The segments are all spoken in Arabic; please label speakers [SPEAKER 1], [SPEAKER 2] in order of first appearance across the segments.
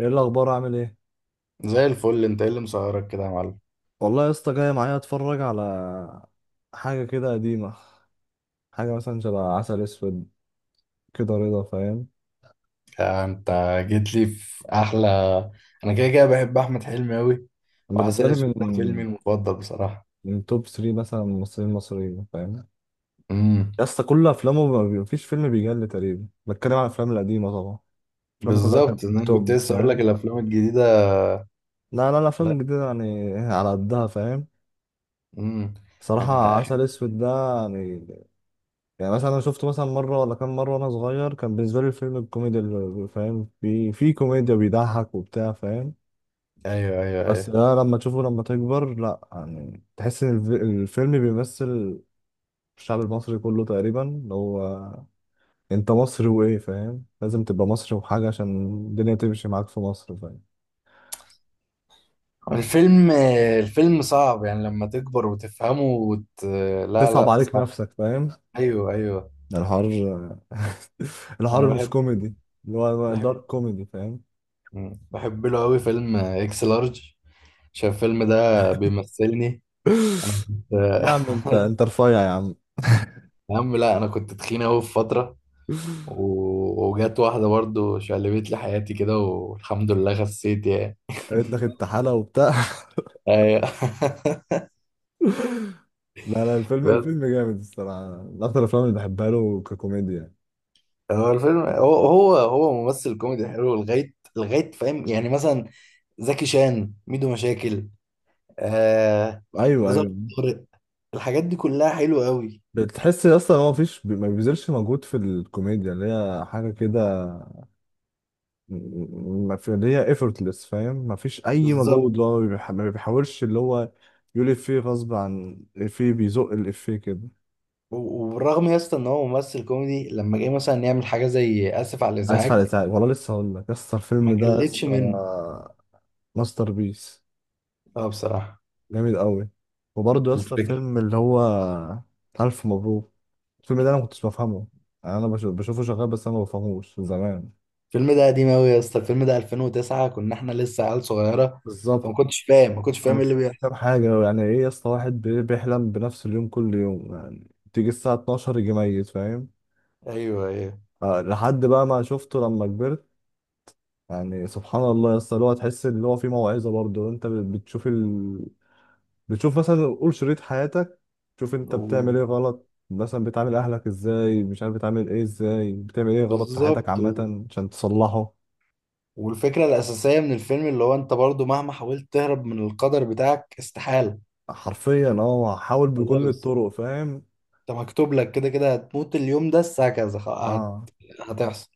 [SPEAKER 1] ايه الاخبار؟ عامل ايه؟
[SPEAKER 2] زي الفل، انت ايه اللي مسهرك كده يا معلم؟
[SPEAKER 1] والله يا اسطى جاي معايا اتفرج على حاجه كده قديمه، حاجه مثلا شبه عسل اسود كده، رضا فاهم؟
[SPEAKER 2] انت جيت لي في احلى. انا كده كده بحب احمد حلمي قوي، وعسل
[SPEAKER 1] بالنسبه لي
[SPEAKER 2] اسود
[SPEAKER 1] من
[SPEAKER 2] ده فيلمي المفضل بصراحه.
[SPEAKER 1] من توب 3 مثلا ممثلين مصريين فاهم؟
[SPEAKER 2] امم
[SPEAKER 1] يا اسطى كل افلامه ما بي- مفيش فيلم بيجل تقريبا، بتكلم على الافلام القديمه طبعا، افلامه كلها كانت
[SPEAKER 2] بالظبط، ان انا كنت
[SPEAKER 1] توب
[SPEAKER 2] لسه اقول لك
[SPEAKER 1] فاهم؟
[SPEAKER 2] الافلام الجديده.
[SPEAKER 1] لا لا، الافلام
[SPEAKER 2] لا.
[SPEAKER 1] الجديده يعني على قدها فاهم؟
[SPEAKER 2] امم
[SPEAKER 1] بصراحه
[SPEAKER 2] يعني آخر-
[SPEAKER 1] عسل اسود ده يعني، يعني مثلا انا شفته مثلا مره ولا كام مره وانا صغير، كان بالنسبه لي الفيلم الكوميدي فاهم؟ في كوميديا بيضحك وبتاع فاهم؟
[SPEAKER 2] ايوه، ايوه،
[SPEAKER 1] بس
[SPEAKER 2] ايوه.
[SPEAKER 1] ده لما تشوفه لما تكبر لا يعني، تحس ان الفيلم بيمثل الشعب المصري كله تقريبا، اللي هو انت مصري وايه فاهم؟ لازم تبقى مصري وحاجه عشان الدنيا تمشي معاك في مصر فاهم؟
[SPEAKER 2] الفيلم الفيلم صعب يعني لما تكبر وتفهمه لا
[SPEAKER 1] تصعب
[SPEAKER 2] لا،
[SPEAKER 1] عليك
[SPEAKER 2] صعب.
[SPEAKER 1] نفسك فاهم؟
[SPEAKER 2] ايوه ايوه.
[SPEAKER 1] ده الحوار.
[SPEAKER 2] انا
[SPEAKER 1] الحوار مش
[SPEAKER 2] بحب،
[SPEAKER 1] كوميدي، اللي هو
[SPEAKER 2] بحب.
[SPEAKER 1] دارك كوميدي فاهم؟
[SPEAKER 2] مم. بحب له قوي فيلم اكس لارج، عشان الفيلم ده بيمثلني. انا كنت.
[SPEAKER 1] يا عم انت انت رفيع يا
[SPEAKER 2] يا عم لا، انا كنت تخين اوي في فتره
[SPEAKER 1] عم.
[SPEAKER 2] و... وجت واحده برضو شقلبت لي حياتي كده، والحمد لله خسيت يعني.
[SPEAKER 1] قالت لك انت حالة وبتاع.
[SPEAKER 2] أيوة.
[SPEAKER 1] لا لا، الفيلم
[SPEAKER 2] بس
[SPEAKER 1] الفيلم جامد الصراحة، من أكتر الأفلام اللي بحبها له ككوميديا.
[SPEAKER 2] هو الفيلم، هو ممثل كوميدي حلو لغايه لغايه، فاهم؟ يعني مثلا زكي، شان، ميدو مشاكل، آه،
[SPEAKER 1] أيوه
[SPEAKER 2] ظرف،
[SPEAKER 1] أيوه.
[SPEAKER 2] طارق، الحاجات دي كلها حلوه قوي.
[SPEAKER 1] بتحس أصلا هو مفيش، ما بيبذلش مجهود في الكوميديا، اللي هي حاجة كده، ما في اللي هي effortless فاهم؟ مفيش أي مجهود،
[SPEAKER 2] بالظبط.
[SPEAKER 1] اللي هو ما بيحاولش، اللي هو يقول إفيه غصب عن إفيه، بيزق الإفيه كده.
[SPEAKER 2] وبالرغم يا اسطى ان هو ممثل كوميدي، لما جه مثلا يعمل حاجه زي اسف على
[SPEAKER 1] عايز فرق
[SPEAKER 2] الازعاج،
[SPEAKER 1] تعب والله، لسه هقول لك يا اسطى
[SPEAKER 2] ما
[SPEAKER 1] الفيلم ده يا
[SPEAKER 2] جلتش
[SPEAKER 1] اسطى
[SPEAKER 2] منه.
[SPEAKER 1] ماستر بيس،
[SPEAKER 2] اه بصراحه.
[SPEAKER 1] جامد قوي. وبرضه يا اسطى
[SPEAKER 2] الفكره.
[SPEAKER 1] الفيلم اللي هو ألف مبروك، الفيلم ده أنا ما كنتش بفهمه، يعني أنا بشوفه شغال بس أنا ما بفهموش من زمان.
[SPEAKER 2] الفيلم ده قديم أوي يا اسطى، الفيلم ده 2009، كنا احنا لسه عيال صغيرة، فما
[SPEAKER 1] بالظبط.
[SPEAKER 2] كنتش فاهم، ما كنتش
[SPEAKER 1] أنا
[SPEAKER 2] فاهم ايه
[SPEAKER 1] مش
[SPEAKER 2] اللي
[SPEAKER 1] مش
[SPEAKER 2] بيحصل.
[SPEAKER 1] فاهم حاجة، يعني إيه يا اسطى واحد بيحلم بنفس اليوم كل يوم، يعني تيجي الساعة 12 يجي ميت فاهم؟
[SPEAKER 2] ايوه ايوه.
[SPEAKER 1] آه، لحد بقى ما شفته لما كبرت، يعني سبحان الله يا اسطى، اللي هو تحس إن هو في موعظة برضه، أنت بتشوف، بتشوف مثلا قول شريط حياتك، تشوف انت بتعمل
[SPEAKER 2] و-
[SPEAKER 1] ايه غلط، مثلا بتعامل اهلك ازاي، مش عارف بتعامل ايه ازاي، بتعمل ايه غلط في حياتك
[SPEAKER 2] بالظبط.
[SPEAKER 1] عامة عشان تصلحه.
[SPEAKER 2] والفكرة الأساسية من الفيلم اللي هو انت برضو مهما حاولت تهرب من القدر بتاعك، استحالة.
[SPEAKER 1] حرفيا اه، حاول بكل
[SPEAKER 2] خلاص،
[SPEAKER 1] الطرق فاهم؟
[SPEAKER 2] انت مكتوب لك كده كده هتموت اليوم ده الساعة كذا،
[SPEAKER 1] اه
[SPEAKER 2] هتحصل.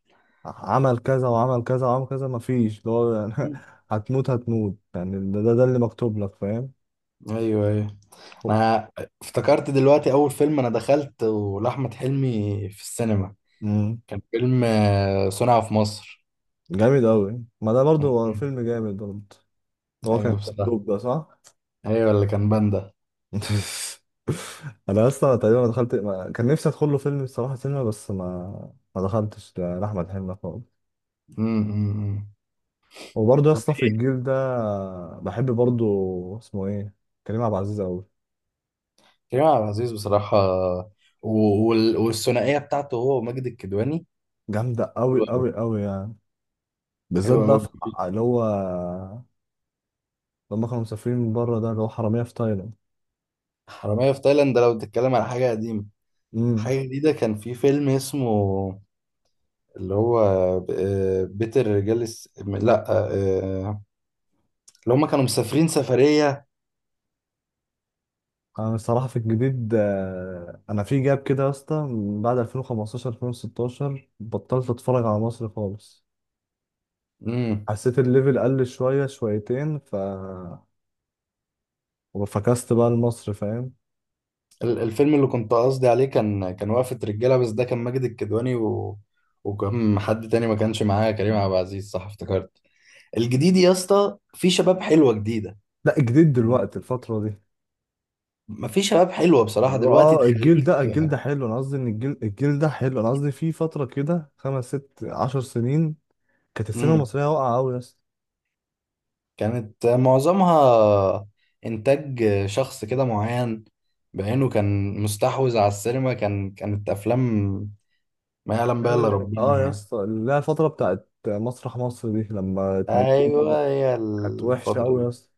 [SPEAKER 1] عمل كذا وعمل كذا وعمل كذا، مفيش اللي هو يعني. هتموت هتموت يعني، ده اللي مكتوب لك فاهم؟
[SPEAKER 2] ايوه ايوه. انا افتكرت دلوقتي اول فيلم انا دخلت لاحمد حلمي في السينما،
[SPEAKER 1] امم.
[SPEAKER 2] كان فيلم صنع في مصر.
[SPEAKER 1] جامد قوي، ما ده برضه هو فيلم جامد برضه، اللي هو كان
[SPEAKER 2] ايوه بصراحه،
[SPEAKER 1] مكتوب ده صح.
[SPEAKER 2] ايوه اللي كان باندا.
[SPEAKER 1] انا اصلا تقريبا ما دخلت ما... كان نفسي ادخل له فيلم الصراحه سينما، بس ما دخلتش لاحمد حلمي خالص.
[SPEAKER 2] امم.
[SPEAKER 1] وبرضه يا
[SPEAKER 2] طب
[SPEAKER 1] اسطى في
[SPEAKER 2] ايه؟
[SPEAKER 1] الجيل ده بحب برضه، اسمه ايه، كريم عبد العزيز قوي،
[SPEAKER 2] كريم عبد العزيز بصراحه. والثنائيه بتاعته هو وماجد الكدواني،
[SPEAKER 1] جامده قوي
[SPEAKER 2] حلوه قوي،
[SPEAKER 1] قوي قوي يعني، بالذات
[SPEAKER 2] حلوه
[SPEAKER 1] بقى
[SPEAKER 2] قوي.
[SPEAKER 1] في اللي هو لما كانوا مسافرين من بره، ده اللي هو حراميه في تايلاند.
[SPEAKER 2] حراميه في تايلاند ده لو بتتكلم على حاجه قديمه.
[SPEAKER 1] امم.
[SPEAKER 2] حاجه جديده كان في فيلم اسمه، اللي هو، بيت الرجال لا، آه، اللي هم كانوا مسافرين سفريه.
[SPEAKER 1] انا الصراحه في الجديد آه، انا في جاب كده يا اسطى من بعد 2015 2016 بطلت اتفرج على مصر خالص،
[SPEAKER 2] امم.
[SPEAKER 1] حسيت الليفل قل شوية شويتين، ف وفكست بقى لمصر فاهم؟
[SPEAKER 2] الفيلم اللي كنت قصدي عليه كان، كان وقفه رجاله، بس ده كان ماجد الكدواني وكان حد تاني ما كانش معاه كريم عبد العزيز، صح افتكرت. الجديد يا اسطى في شباب حلوه جديده،
[SPEAKER 1] لا، جديد دلوقتي الفترة دي،
[SPEAKER 2] ما في شباب حلوه بصراحه
[SPEAKER 1] اللي هو
[SPEAKER 2] دلوقتي
[SPEAKER 1] اه الجيل
[SPEAKER 2] تخليك.
[SPEAKER 1] ده، الجيل ده حلو، انا قصدي ان الجيل ده حلو، انا قصدي في فترة كده خمس ست عشر سنين، كانت السينما
[SPEAKER 2] امم.
[SPEAKER 1] المصرية واقعة قوي يا اسطى.
[SPEAKER 2] كانت معظمها انتاج شخص كده معين بعينه، كان مستحوذ على السينما، كان كانت افلام ما يعلم بها الا
[SPEAKER 1] نعمل ايه؟
[SPEAKER 2] ربنا
[SPEAKER 1] اه يا
[SPEAKER 2] يعني.
[SPEAKER 1] اسطى اللي هي الفترة بتاعت مسرح مصر دي لما اتنجموا
[SPEAKER 2] ايوه
[SPEAKER 1] بقى،
[SPEAKER 2] هي
[SPEAKER 1] كانت وحشة
[SPEAKER 2] الفتره
[SPEAKER 1] قوي
[SPEAKER 2] دي.
[SPEAKER 1] يا اسطى.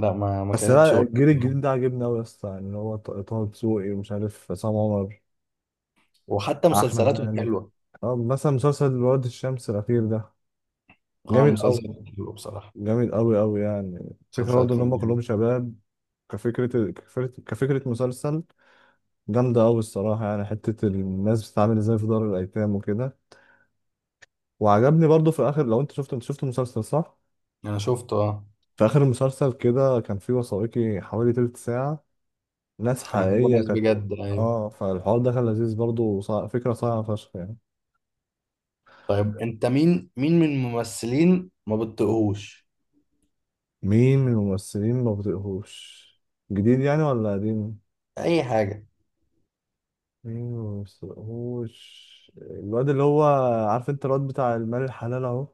[SPEAKER 2] لا، ما ما
[SPEAKER 1] بس
[SPEAKER 2] كانتش
[SPEAKER 1] لا،
[SPEAKER 2] برضه.
[SPEAKER 1] الجيل الجديد ده عجبني قوي يا اسطى، يعني اللي هو طه دسوقي، ومش عارف عصام عمر،
[SPEAKER 2] وحتى
[SPEAKER 1] احمد
[SPEAKER 2] مسلسلاته كانت
[SPEAKER 1] مالك.
[SPEAKER 2] حلوه.
[SPEAKER 1] اه مثلا مسلسل واد الشمس الاخير ده
[SPEAKER 2] اه
[SPEAKER 1] جامد قوي،
[SPEAKER 2] المسلسل كان حلو بصراحه.
[SPEAKER 1] جامد قوي قوي يعني، فكره
[SPEAKER 2] المسلسل
[SPEAKER 1] برضه ان
[SPEAKER 2] كان
[SPEAKER 1] هم كلهم
[SPEAKER 2] جامد.
[SPEAKER 1] شباب، كفكره مسلسل، جامده قوي الصراحه، يعني حته الناس بتتعامل ازاي في دار الايتام وكده. وعجبني برضه في اخر، لو انت شفت، انت شفت المسلسل صح؟
[SPEAKER 2] انا شفته اه.
[SPEAKER 1] في اخر المسلسل كده كان في وثائقي حوالي تلت ساعه، ناس
[SPEAKER 2] كانوا بيجيبوا
[SPEAKER 1] حقيقيه
[SPEAKER 2] ناس
[SPEAKER 1] كانت.
[SPEAKER 2] بجد، ايوه.
[SPEAKER 1] اه فالحوار ده كان لذيذ برضه، فكره صعبه فشخ يعني.
[SPEAKER 2] طيب انت مين، مين من الممثلين ما بتطيقهوش؟
[SPEAKER 1] مين من الممثلين ما بطيقهوش؟ جديد يعني ولا قديم؟
[SPEAKER 2] اي حاجه.
[SPEAKER 1] مين ما بطيقهوش؟ الواد اللي هو، عارف انت الواد بتاع المال الحلال اهو؟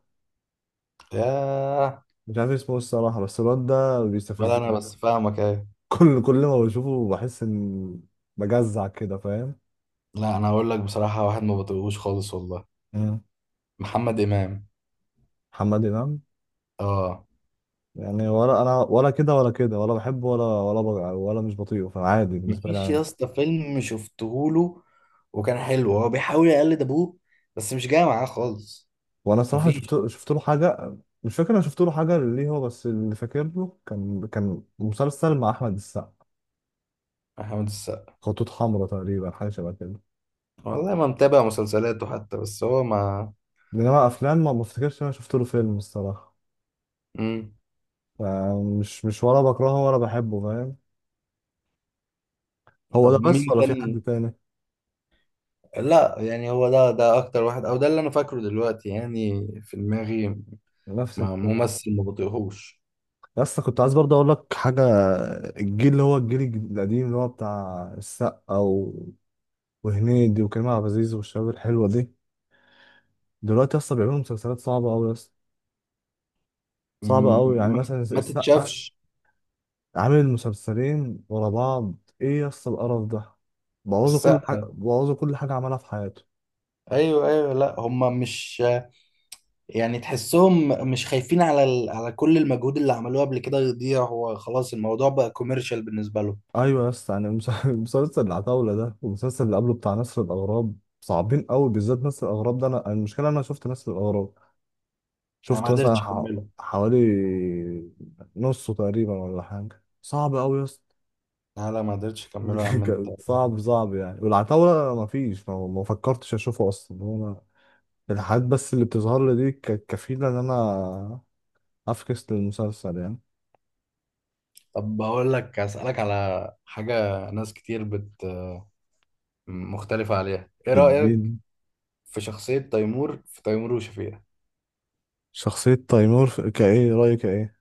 [SPEAKER 2] ياه.
[SPEAKER 1] مش عارف اسمه إيه الصراحة، بس الواد ده
[SPEAKER 2] ولا انا،
[SPEAKER 1] بيستفزني.
[SPEAKER 2] بس فاهمك، ايه؟
[SPEAKER 1] كل ما بشوفه بحس ان، بجزع كده فاهم؟
[SPEAKER 2] لا انا هقول لك بصراحه، واحد ما بطيقهوش خالص والله،
[SPEAKER 1] مم.
[SPEAKER 2] محمد امام.
[SPEAKER 1] محمد إمام،
[SPEAKER 2] اه.
[SPEAKER 1] يعني ولا انا، ولا كده ولا كده، ولا بحبه ولا ولا ولا مش بطيقه، فعادي بالنسبة لي،
[SPEAKER 2] مفيش يا
[SPEAKER 1] عادي.
[SPEAKER 2] اسطى فيلم شفتهوله وكان حلو، هو بيحاول يقلد ابوه بس مش جاي معاه خالص.
[SPEAKER 1] وانا صراحه
[SPEAKER 2] مفيش.
[SPEAKER 1] شفت له حاجه، مش فاكر انا شفت له حاجه ليه، هو بس اللي فاكر له، كان مسلسل مع احمد السقا،
[SPEAKER 2] محمد السقا.
[SPEAKER 1] خطوط حمراء تقريبا، حاجه شبه كده.
[SPEAKER 2] والله ما متابع مسلسلاته حتى، بس هو ما.
[SPEAKER 1] انما افلام ما افتكرش إن انا شفت له فيلم الصراحه.
[SPEAKER 2] مم.
[SPEAKER 1] مش ولا بكرهه ولا بحبه فاهم؟ هو
[SPEAKER 2] طب
[SPEAKER 1] ده بس
[SPEAKER 2] مين
[SPEAKER 1] ولا في حد
[SPEAKER 2] تاني؟
[SPEAKER 1] تاني؟
[SPEAKER 2] لا يعني هو ده، ده اكتر واحد او ده اللي انا فاكره دلوقتي يعني في دماغي.
[SPEAKER 1] نفس
[SPEAKER 2] ما
[SPEAKER 1] الكلام.
[SPEAKER 2] ممثل ما بطيقهوش.
[SPEAKER 1] بس كنت عايز برضه اقول لك حاجه، الجيل اللي هو القديم، اللي هو بتاع السقا و... وهنيدي وكريم عبد العزيز والشباب الحلوه دي، دلوقتي اصلا بيعملوا مسلسلات صعبه قوي، صعبة أوي
[SPEAKER 2] م-
[SPEAKER 1] يعني،
[SPEAKER 2] ما
[SPEAKER 1] مثلا
[SPEAKER 2] ما
[SPEAKER 1] السقا
[SPEAKER 2] تتشافش.
[SPEAKER 1] عامل مسلسلين ورا بعض، إيه يا اسطى القرف ده، بوظوا كل حاجة،
[SPEAKER 2] السقا،
[SPEAKER 1] بوظوا كل حاجة عملها في حياته.
[SPEAKER 2] ايوه ايوه. لا هم مش، يعني تحسهم مش خايفين على على كل المجهود اللي عملوه قبل كده يضيع، هو خلاص الموضوع بقى كوميرشال بالنسبه له.
[SPEAKER 1] أيوة يا اسطى، يعني مسلسل العتاولة ده والمسلسل اللي قبله بتاع نسر الأغراب، صعبين أوي، بالذات نسر الأغراب ده، أنا المشكلة أنا شفت نسر الأغراب،
[SPEAKER 2] انا ما
[SPEAKER 1] شفت مثلا
[SPEAKER 2] قدرتش اكمله.
[SPEAKER 1] حوالي نصه تقريبا ولا حاجة، صعب أوي يا اسطى.
[SPEAKER 2] لا لا، ما قدرتش اكمله يا عم انت.
[SPEAKER 1] كان صعب صعب يعني، والعتاولة مفيش، ما فكرتش أشوفه أصلا، هو الحاجات بس اللي بتظهر لي دي كانت كفيلة إن أنا أفكس للمسلسل يعني.
[SPEAKER 2] طب بقول لك، اسالك على حاجه. ناس كتير بت، مختلفه عليها، ايه رايك
[SPEAKER 1] الدين.
[SPEAKER 2] في شخصيه تيمور في تيمور وشفيقة؟
[SPEAKER 1] شخصية تيمور كإيه رأيك إيه؟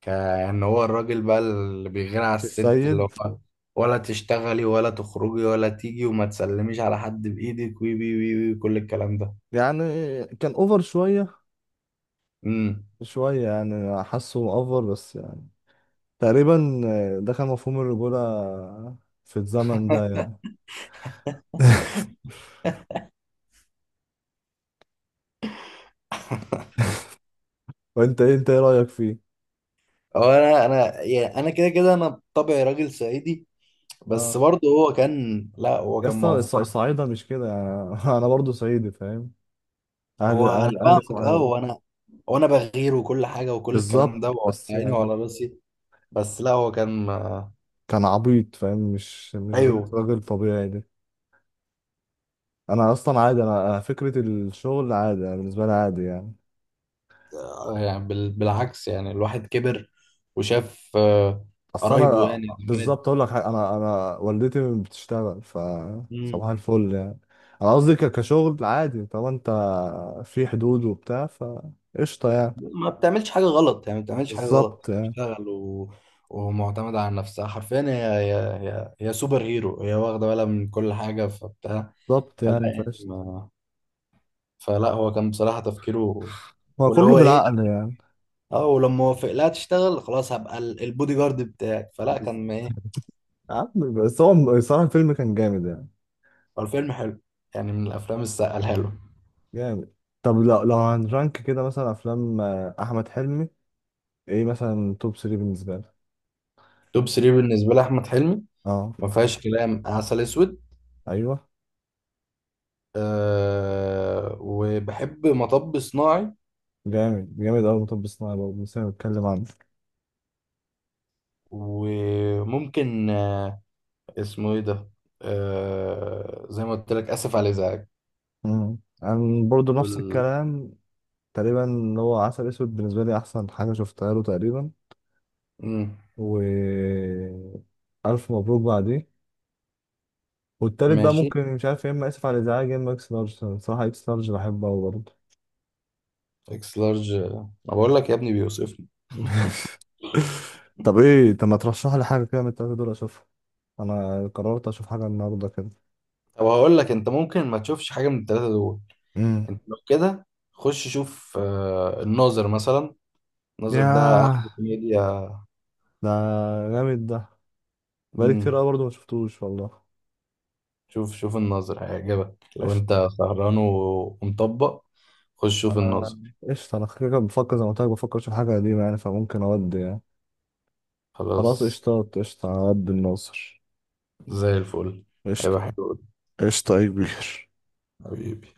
[SPEAKER 2] كان هو الراجل بقى اللي بيغني على الست اللي
[SPEAKER 1] السيد.
[SPEAKER 2] هو، ولا تشتغلي ولا تخرجي ولا تيجي وما تسلميش على حد بإيدك، وي وي وي وي، كل الكلام ده.
[SPEAKER 1] يعني كان أوفر شوية،
[SPEAKER 2] امم.
[SPEAKER 1] شوية يعني حاسه أوفر بس يعني تقريبا، ده كان مفهوم الرجولة في الزمن ده يعني. وأنت إيه، أنت إيه رأيك فيه؟
[SPEAKER 2] هو انا، انا يعني انا كده كده انا بطبعي راجل صعيدي، بس
[SPEAKER 1] آه
[SPEAKER 2] برضه هو كان، لا هو
[SPEAKER 1] يا
[SPEAKER 2] كان
[SPEAKER 1] اسطى
[SPEAKER 2] مأفور.
[SPEAKER 1] الصعايدة مش كده يعني. أنا برضو صعيدي فاهم؟ أهل
[SPEAKER 2] هو انا
[SPEAKER 1] أهل أهل
[SPEAKER 2] فاهمك اه،
[SPEAKER 1] صعيد.
[SPEAKER 2] وانا، وانا بغير وكل حاجه وكل الكلام ده
[SPEAKER 1] بالظبط،
[SPEAKER 2] وعلى
[SPEAKER 1] بس
[SPEAKER 2] عيني
[SPEAKER 1] يعني
[SPEAKER 2] وعلى راسي، بس لا هو كان.
[SPEAKER 1] كان عبيط فاهم؟ مش غير
[SPEAKER 2] ايوه.
[SPEAKER 1] راجل طبيعي ده. انا اصلا عادي، انا أنا فكره الشغل عادي، انا بالنسبه لي عادي يعني.
[SPEAKER 2] يعني بالعكس، يعني الواحد كبر وشاف
[SPEAKER 1] اصل
[SPEAKER 2] قرايبه
[SPEAKER 1] انا
[SPEAKER 2] يعني.
[SPEAKER 1] بالظبط اقول لك حاجة، انا والدتي بتشتغل ف صباح
[SPEAKER 2] مم.
[SPEAKER 1] الفل يعني، انا قصدي كشغل عادي، طب انت في حدود وبتاع فقشطه يعني.
[SPEAKER 2] ما بتعملش حاجة غلط، يعني ما بتعملش حاجة
[SPEAKER 1] بالظبط
[SPEAKER 2] غلط،
[SPEAKER 1] يعني.
[SPEAKER 2] بتشتغل ومعتمدة على نفسها حرفيا. هي, هي سوبر هيرو، هي واخدة بالها من كل حاجة فبتاع.
[SPEAKER 1] بالظبط
[SPEAKER 2] فلا
[SPEAKER 1] يعني
[SPEAKER 2] يعني
[SPEAKER 1] فقشطه.
[SPEAKER 2] ما... فلا هو كان بصراحة تفكيره،
[SPEAKER 1] هو
[SPEAKER 2] واللي
[SPEAKER 1] كله
[SPEAKER 2] هو ايه،
[SPEAKER 1] بالعقل يعني.
[SPEAKER 2] اه، ولما وافق لها تشتغل خلاص هبقى البودي جارد بتاعك، فلا
[SPEAKER 1] بز-
[SPEAKER 2] كان ما ايه.
[SPEAKER 1] بس هو صراحه الفيلم كان جامد يعني،
[SPEAKER 2] هو الفيلم حلو، يعني من الافلام السقالها له.
[SPEAKER 1] جامد. طب لو لو هنرانك كده مثلا افلام آه، احمد حلمي، ايه مثلا توب 3 بالنسبه لك؟
[SPEAKER 2] توب 3 بالنسبة لأحمد حلمي،
[SPEAKER 1] اه
[SPEAKER 2] ما فيهاش كلام عسل اسود،
[SPEAKER 1] ايوه،
[SPEAKER 2] أه وبحب مطب صناعي،
[SPEAKER 1] جامد جامد قوي، مطب صناعي برضه لسه بنتكلم عنه.
[SPEAKER 2] وممكن اسمه ايه ده، زي ما قلت لك، اسف على الازعاج.
[SPEAKER 1] امم. انا برضه نفس
[SPEAKER 2] ال-،
[SPEAKER 1] الكلام تقريبا، اللي هو عسل اسود بالنسبه لي احسن حاجه شفتها له تقريبا،
[SPEAKER 2] مم،
[SPEAKER 1] و الف مبروك بعديه، والتالت بقى
[SPEAKER 2] ماشي.
[SPEAKER 1] ممكن مش عارف، يا اما اسف على الازعاج يا اما اكس لارج، صراحه اكس لارج بحبه قوي برضه.
[SPEAKER 2] اكس لارج ما بقول لك، يا ابني بيوصفني.
[SPEAKER 1] طب ايه، طب ما ترشح لي حاجه كده من التلاته دول اشوفها، انا قررت اشوف حاجه النهارده كده.
[SPEAKER 2] طب هقول لك، انت ممكن ما تشوفش حاجه من الثلاثه دول.
[SPEAKER 1] امم.
[SPEAKER 2] انت لو كده خش شوف الناظر مثلا، الناظر ده
[SPEAKER 1] ياه
[SPEAKER 2] احلى كوميديا.
[SPEAKER 1] ده، جامد ده، بقالي كتير
[SPEAKER 2] مم،
[SPEAKER 1] قوي برضه ما شفتوش والله.
[SPEAKER 2] شوف شوف الناظر، هيعجبك لو
[SPEAKER 1] قشطة.
[SPEAKER 2] انت سهران ومطبق. خش شوف
[SPEAKER 1] انا
[SPEAKER 2] الناظر.
[SPEAKER 1] قشطة، انا كده كده بفكر زي ما قلت لك، بفكر اشوف حاجة قديمة يعني، فممكن اودي يعني. خلاص
[SPEAKER 2] خلاص،
[SPEAKER 1] قشطة قشطة عبد الناصر.
[SPEAKER 2] زي الفل، هيبقى
[SPEAKER 1] قشطة
[SPEAKER 2] حلو أوي.
[SPEAKER 1] قشطة يا كبير.
[SPEAKER 2] حبيبي.